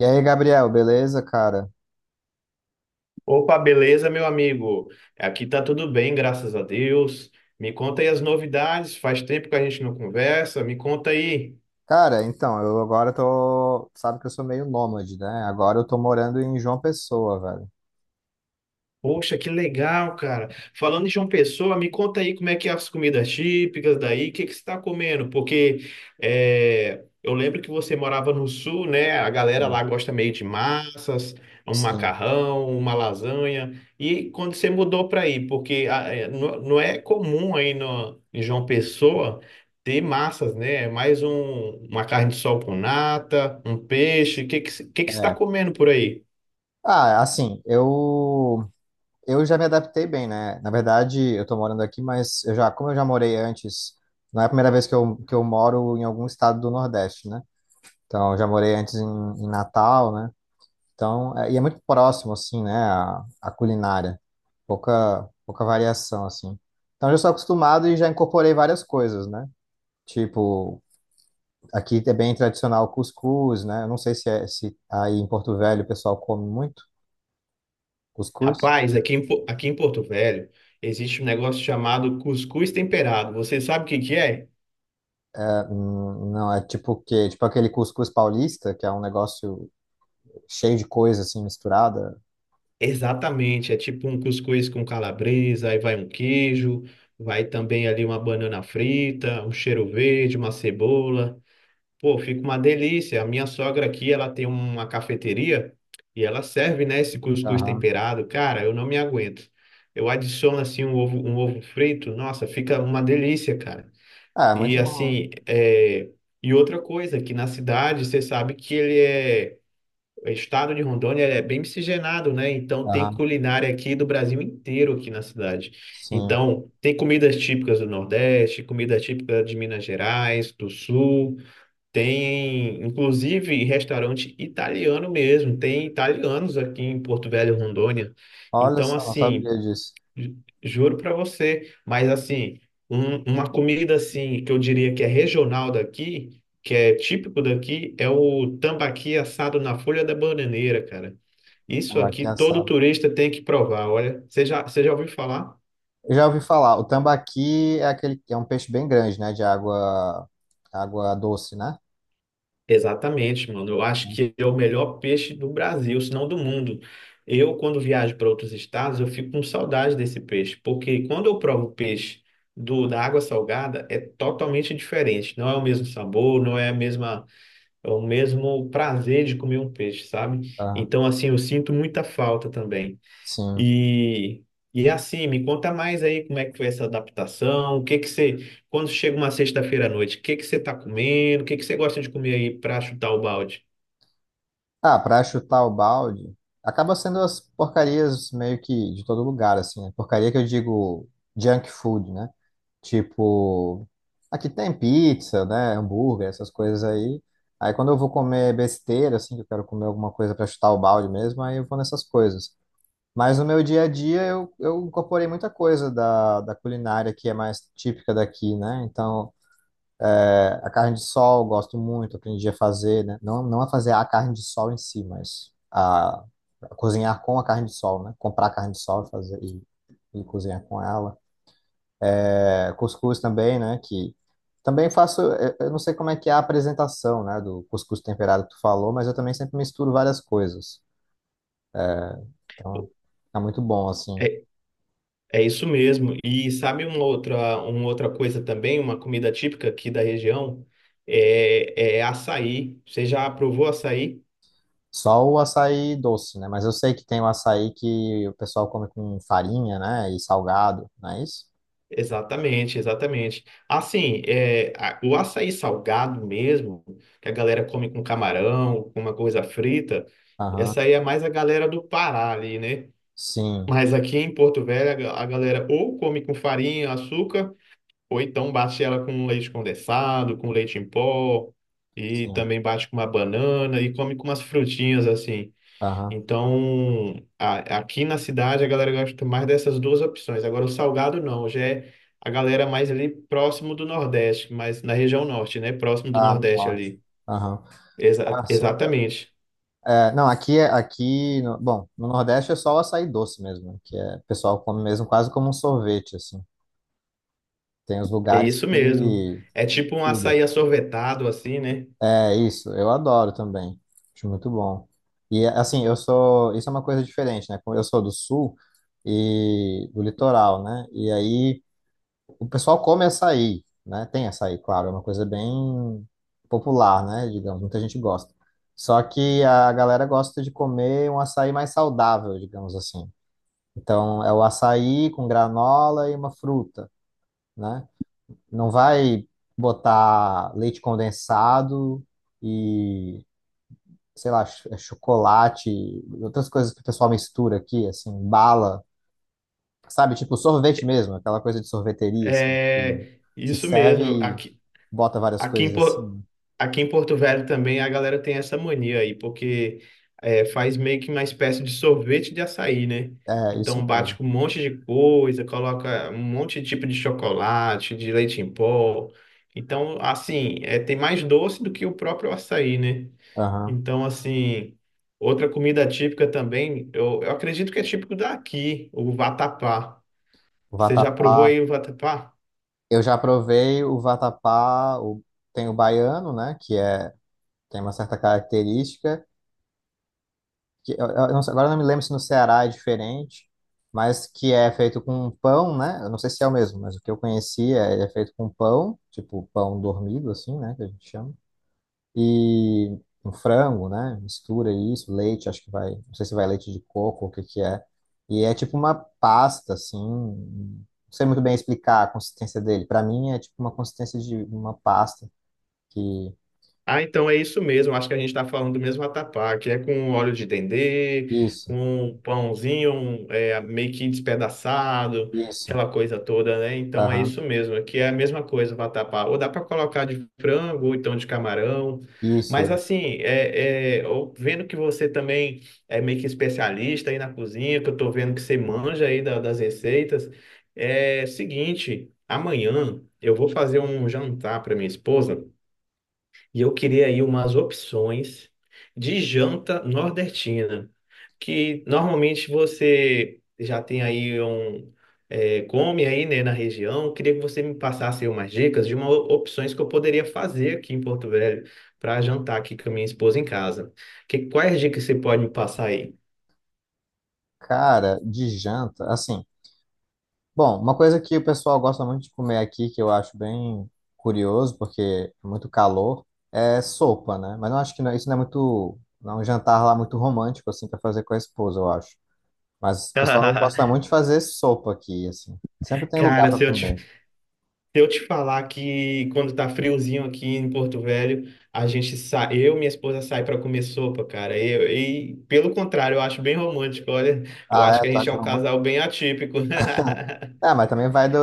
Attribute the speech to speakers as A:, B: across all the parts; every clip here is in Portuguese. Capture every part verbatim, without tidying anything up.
A: E aí, Gabriel, beleza, cara?
B: Opa, beleza, meu amigo? Aqui tá tudo bem, graças a Deus. Me conta aí as novidades. Faz tempo que a gente não conversa. Me conta aí.
A: Cara, então, eu agora tô. Sabe que eu sou meio nômade, né? Agora eu tô morando em João Pessoa, velho.
B: Poxa, que legal, cara. Falando de João Pessoa, me conta aí como é que é as comidas típicas daí, o que que você está comendo? Porque é, eu lembro que você morava no sul, né? A galera
A: Sim,
B: lá gosta meio de massas, um
A: sim.
B: macarrão, uma lasanha. E quando você mudou para aí, porque ah, é, não, não é comum aí no, em João Pessoa ter massas, né? É mais um, uma carne de sol com nata, um peixe. O que que, você- o que que você está
A: É.
B: comendo por aí?
A: Ah, assim, eu. Eu já me adaptei bem, né? Na verdade, eu tô morando aqui, mas eu já, como eu já morei antes, não é a primeira vez que eu, que eu moro em algum estado do Nordeste, né? Então, eu já morei antes em, em Natal, né? Então, é- e é muito próximo, assim, né, a, a culinária. Pouca, pouca variação, assim. Então, eu já sou acostumado e já incorporei várias coisas, né? Tipo, aqui é bem tradicional o cuscuz, né? Eu não sei se, é, se aí em Porto Velho o pessoal come muito cuscuz.
B: Rapaz, aqui em, Po- aqui em Porto Velho existe um negócio chamado cuscuz temperado. Você sabe o que que é?
A: É, hum, não, é tipo o quê? Tipo aquele cuscuz paulista, que é um negócio cheio de coisa, assim, misturada.
B: Exatamente, é tipo um cuscuz com calabresa, aí vai um queijo, vai também ali uma banana frita, um cheiro verde, uma cebola. Pô, fica uma delícia. A minha sogra aqui, ela tem uma cafeteria e ela serve, né, esse cuscuz
A: Aham.
B: temperado. Cara, eu não me aguento. Eu adiciono assim um ovo, um ovo frito, nossa, fica uma delícia, cara.
A: Ah, é, muito
B: E
A: bom.
B: assim, é... e outra coisa, que na cidade você sabe que ele é. O estado de Rondônia é bem miscigenado, né? Então tem
A: Aham,
B: culinária aqui do Brasil inteiro aqui na cidade.
A: sim.
B: Então tem comidas típicas do Nordeste, comida típica de Minas Gerais, do Sul, tem inclusive restaurante italiano mesmo, tem italianos aqui em Porto Velho, Rondônia.
A: Olha
B: Então
A: só, não
B: assim,
A: sabia disso.
B: Ju- Juro para você, mas assim, um- uma comida assim que eu diria que é regional daqui, que é típico daqui, é o tambaqui assado na folha da bananeira, cara. Isso
A: Aqui
B: aqui todo
A: assado.
B: turista tem que provar. Olha, você já, você já ouviu falar?
A: Eu já ouvi falar, o tambaqui é aquele que é um peixe bem grande, né? De água, água doce, né?
B: Exatamente, mano. Eu acho que é o melhor peixe do Brasil, se não do mundo. Eu, quando viajo para outros estados, eu fico com saudade desse peixe, porque quando eu provo peixe do da água salgada, é totalmente diferente. Não é o mesmo sabor, não é a mesma, é o mesmo prazer de comer um peixe, sabe?
A: Ah,
B: Então, assim, eu sinto muita falta também.
A: sim.
B: E, e assim, me conta mais aí como é que foi essa adaptação, o que que você, quando chega uma sexta-feira à noite, o que que você tá comendo, o que que você gosta de comer aí para chutar o balde?
A: Ah, pra chutar o balde, acaba sendo as porcarias meio que de todo lugar, assim, né? Porcaria que eu digo junk food, né? Tipo, aqui tem pizza, né? Hambúrguer, essas coisas aí. Aí quando eu vou comer besteira, assim, que eu quero comer alguma coisa pra chutar o balde mesmo, aí eu vou nessas coisas. Mas no meu dia a dia eu, eu incorporei muita coisa da, da culinária que é mais típica daqui, né? Então, é, a carne de sol eu gosto muito, aprendi a fazer, né? Não, não a fazer a carne de sol em si, mas a, a cozinhar com a carne de sol, né? Comprar a carne de sol e fazer e, e cozinhar com ela. É, cuscuz também, né? Que também faço, eu eu não sei como é que é a apresentação, né, do cuscuz temperado que tu falou, mas eu também sempre misturo várias coisas. Então, tá muito bom assim.
B: É, é isso mesmo. E sabe uma outra, uma outra coisa também, uma comida típica aqui da região, é, é açaí. Você já provou açaí?
A: Só o açaí doce, né? Mas eu sei que tem o açaí que o pessoal come com farinha, né? E salgado, não é isso?
B: Exatamente, exatamente. Assim, é, a- o açaí salgado mesmo, que a galera come com camarão, com uma coisa frita,
A: Aham.
B: essa aí é mais a galera do Pará ali, né?
A: Sim,
B: Mas aqui em Porto Velho, a ga- a galera ou come com farinha, açúcar, ou então bate ela com leite condensado, com leite em pó, e
A: sim.
B: também bate com uma banana, e come com umas frutinhas assim.
A: Aham.
B: Então, a- aqui na cidade a galera gosta mais dessas duas opções. Agora, o salgado não, já é a galera mais ali próximo do Nordeste, mas na região norte, né? Próximo do
A: Ah, no
B: Nordeste
A: norte.
B: ali.
A: Aham.
B: Exa-
A: Ah, sim.
B: exatamente.
A: É, não, aqui, é- aqui no, bom, no Nordeste é só o açaí doce mesmo, né? que é, o pessoal come mesmo quase como um sorvete, assim. Tem os
B: É
A: lugares
B: isso mesmo.
A: que
B: É
A: tem de
B: tipo um
A: tudo,
B: açaí
A: assim.
B: assorvetado, assim, né?
A: É isso, eu adoro também. Acho muito bom. E assim, eu sou. Isso é uma coisa diferente, né? Como eu sou do sul e do litoral, né? E aí o pessoal come açaí, né? Tem açaí, claro, é uma coisa bem popular, né? Digamos, muita gente gosta. Só que a galera gosta de comer um açaí mais saudável, digamos assim. Então é o açaí com granola e uma fruta, né? Não vai botar leite condensado e sei lá, ch- é chocolate, outras coisas que o pessoal mistura aqui, assim, bala, sabe? Tipo sorvete mesmo, aquela coisa de sorveteria, assim, que tu
B: É
A: se
B: isso
A: serve
B: mesmo.
A: e
B: Aqui,
A: bota várias
B: Aqui em,
A: coisas em
B: Po-
A: cima.
B: aqui em Porto Velho também a galera tem essa mania aí, porque é, faz meio que uma espécie de sorvete de açaí, né?
A: É, isso
B: Então bate
A: mesmo.
B: com um monte de coisa, coloca um monte de tipo de chocolate, de leite em pó. Então, assim, é, tem mais doce do que o próprio açaí, né?
A: Aham.
B: Então, assim, outra comida típica também, eu, eu acredito que é típico daqui, o vatapá.
A: O
B: Você já
A: vatapá.
B: provou aí o vatapá?
A: Eu já provei o vatapá, o, tem o baiano, né, que é, tem uma certa característica, que eu- eu não sei, agora eu não me lembro se no Ceará é diferente, mas que é feito com pão, né? Eu não sei se é o mesmo, mas o que eu conhecia, ele é feito com pão, tipo pão dormido, assim, né? Que a gente chama. E um frango, né? Mistura isso, leite, acho que vai, não sei se vai leite de coco ou o que que é. E é tipo uma pasta, assim, não sei muito bem explicar a consistência dele. Para mim é tipo uma consistência de uma pasta que...
B: Ah, então é isso mesmo. Acho que a gente está falando do mesmo vatapá, que é com óleo de dendê,
A: Isso,
B: com um pãozinho um, é, meio que despedaçado,
A: isso,
B: aquela coisa toda, né? Então é
A: aham,
B: isso mesmo, que é a mesma coisa o vatapá. Ou dá para colocar de frango, ou então de camarão.
A: isso,
B: Mas
A: isso.
B: assim, é, é, eu vendo que você também é meio que especialista aí na cozinha, que eu estou vendo que você manja aí da- das receitas, é seguinte, amanhã eu vou fazer um jantar para minha esposa. E eu queria aí umas opções de janta nordestina, que normalmente você já tem aí um é, come aí, né, na região. Eu queria que você me passasse aí umas dicas de uma, opções que eu poderia fazer aqui em Porto Velho para jantar aqui com a minha esposa em casa. Que, quais dicas você pode me passar aí?
A: Cara, de janta, assim, bom, uma coisa que o pessoal gosta muito de comer aqui, que eu acho bem curioso, porque é muito calor, é sopa, né? Mas eu acho que não- isso não é muito, não é um jantar lá muito romântico, assim, para fazer com a esposa, eu acho. Mas o pessoal gosta muito de fazer sopa aqui, assim. Sempre tem lugar
B: Cara,
A: para
B: se eu te
A: comer.
B: Se eu te falar que quando tá friozinho aqui em Porto Velho, a gente sai, eu e minha esposa sai para comer sopa, cara. Eu- E, pelo contrário, eu acho bem romântico. Olha, eu
A: Ah,
B: acho
A: é,
B: que a
A: tu
B: gente é
A: acha
B: um
A: romântico?
B: casal bem atípico.
A: É, mas também vai do,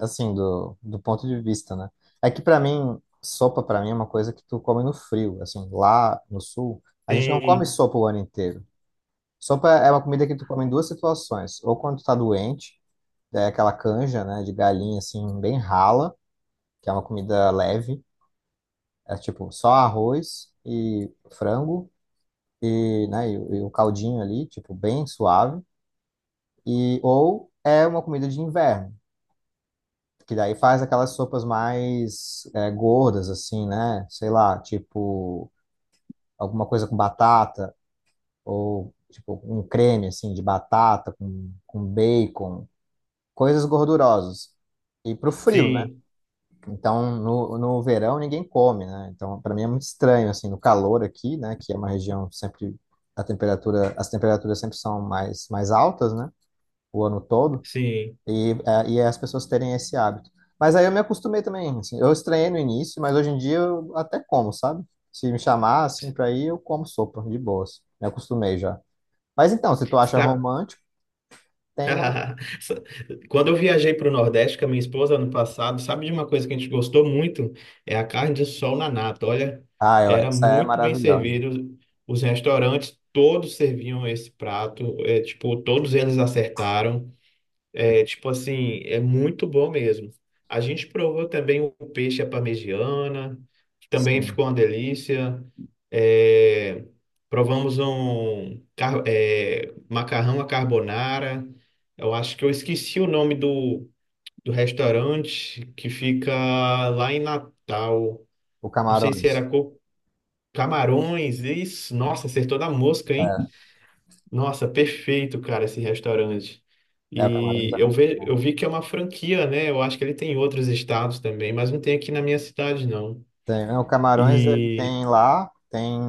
A: assim, do, do ponto de vista, né? É que para mim, sopa para mim é uma coisa que tu come no frio, assim, lá no sul, a gente não come
B: Sim,
A: sopa o ano inteiro. Sopa é uma comida que tu come em duas situações. Ou quando tu tá doente, é aquela canja, né, de galinha, assim, bem rala, que é uma comida leve. É tipo só arroz e frango e, né, e, e um caldinho ali, tipo, bem suave. E, ou é uma comida de inverno, que daí faz aquelas sopas mais é, gordas, assim, né? Sei lá, tipo alguma coisa com batata ou, tipo, um creme, assim, de batata com, com bacon. Coisas gordurosas. E pro frio, né?
B: sim,
A: Então, no, no verão ninguém come, né? Então, para mim é muito estranho, assim, no calor aqui, né? Que é uma região sempre a temperatura, as temperaturas sempre são mais, mais altas, né? O ano todo.
B: sim.
A: E, é, e é as pessoas terem esse hábito. Mas aí eu me acostumei também, assim. Eu estranhei no início, mas hoje em dia eu até como, sabe? Se me chamar, assim, pra ir, eu como sopa, de boas. Me acostumei já. Mas então, se tu acha
B: Sabe
A: romântico, tem uma...
B: quando eu viajei para o Nordeste com a minha esposa ano passado, sabe de uma coisa que a gente gostou muito? É a carne de sol na nata. Olha,
A: Ah, eu-
B: era
A: essa é
B: muito bem
A: maravilhosa.
B: servido. Os restaurantes todos serviam esse prato, é, tipo, todos eles acertaram. É, tipo assim, é muito bom mesmo. A gente provou também o peixe à parmegiana, que também
A: Sim.
B: ficou uma delícia. É, provamos um car- é, macarrão à carbonara. Eu acho que eu esqueci o nome do, do restaurante que fica lá em Natal.
A: O
B: Não sei se
A: Camarões.
B: era Co- Camarões, isso. Nossa, acertou da mosca, hein?
A: É,
B: Nossa, perfeito, cara, esse restaurante.
A: é, o Camarões
B: E
A: é
B: eu
A: muito
B: ve,
A: bom.
B: eu vi que é uma franquia, né? Eu acho que ele tem em outros estados também, mas não tem aqui na minha cidade, não.
A: Tem, é, o Camarões ele
B: E.
A: tem lá, tem.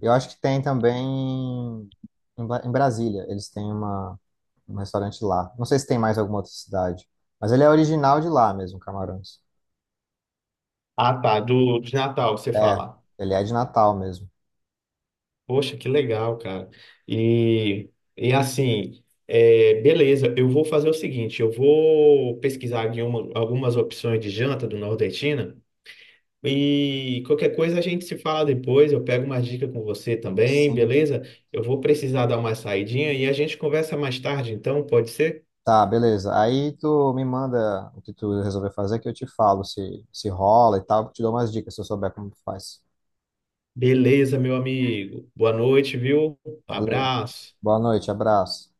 A: Eu acho que tem também em, Bra- em Brasília. Eles têm uma, um restaurante lá. Não sei se tem mais alguma outra cidade. Mas ele é original de lá mesmo, Camarões.
B: Ah, tá, do, de Natal, você
A: É,
B: fala.
A: ele é de Natal mesmo.
B: Poxa, que legal, cara. E, e assim, é, beleza, eu vou fazer o seguinte: eu vou pesquisar aqui uma- algumas opções de janta do nordestina. E qualquer coisa a gente se fala depois, eu pego uma dica com você também,
A: Sim.
B: beleza? Eu vou precisar dar uma saidinha e a gente conversa mais tarde, então, pode ser?
A: Tá, beleza. Aí tu me manda o que tu resolver fazer, que eu te falo se, se rola e tal. Te dou umas dicas se eu souber como tu faz.
B: Beleza, meu amigo. Boa noite, viu?
A: Valeu.
B: Abraço.
A: Boa noite, abraço.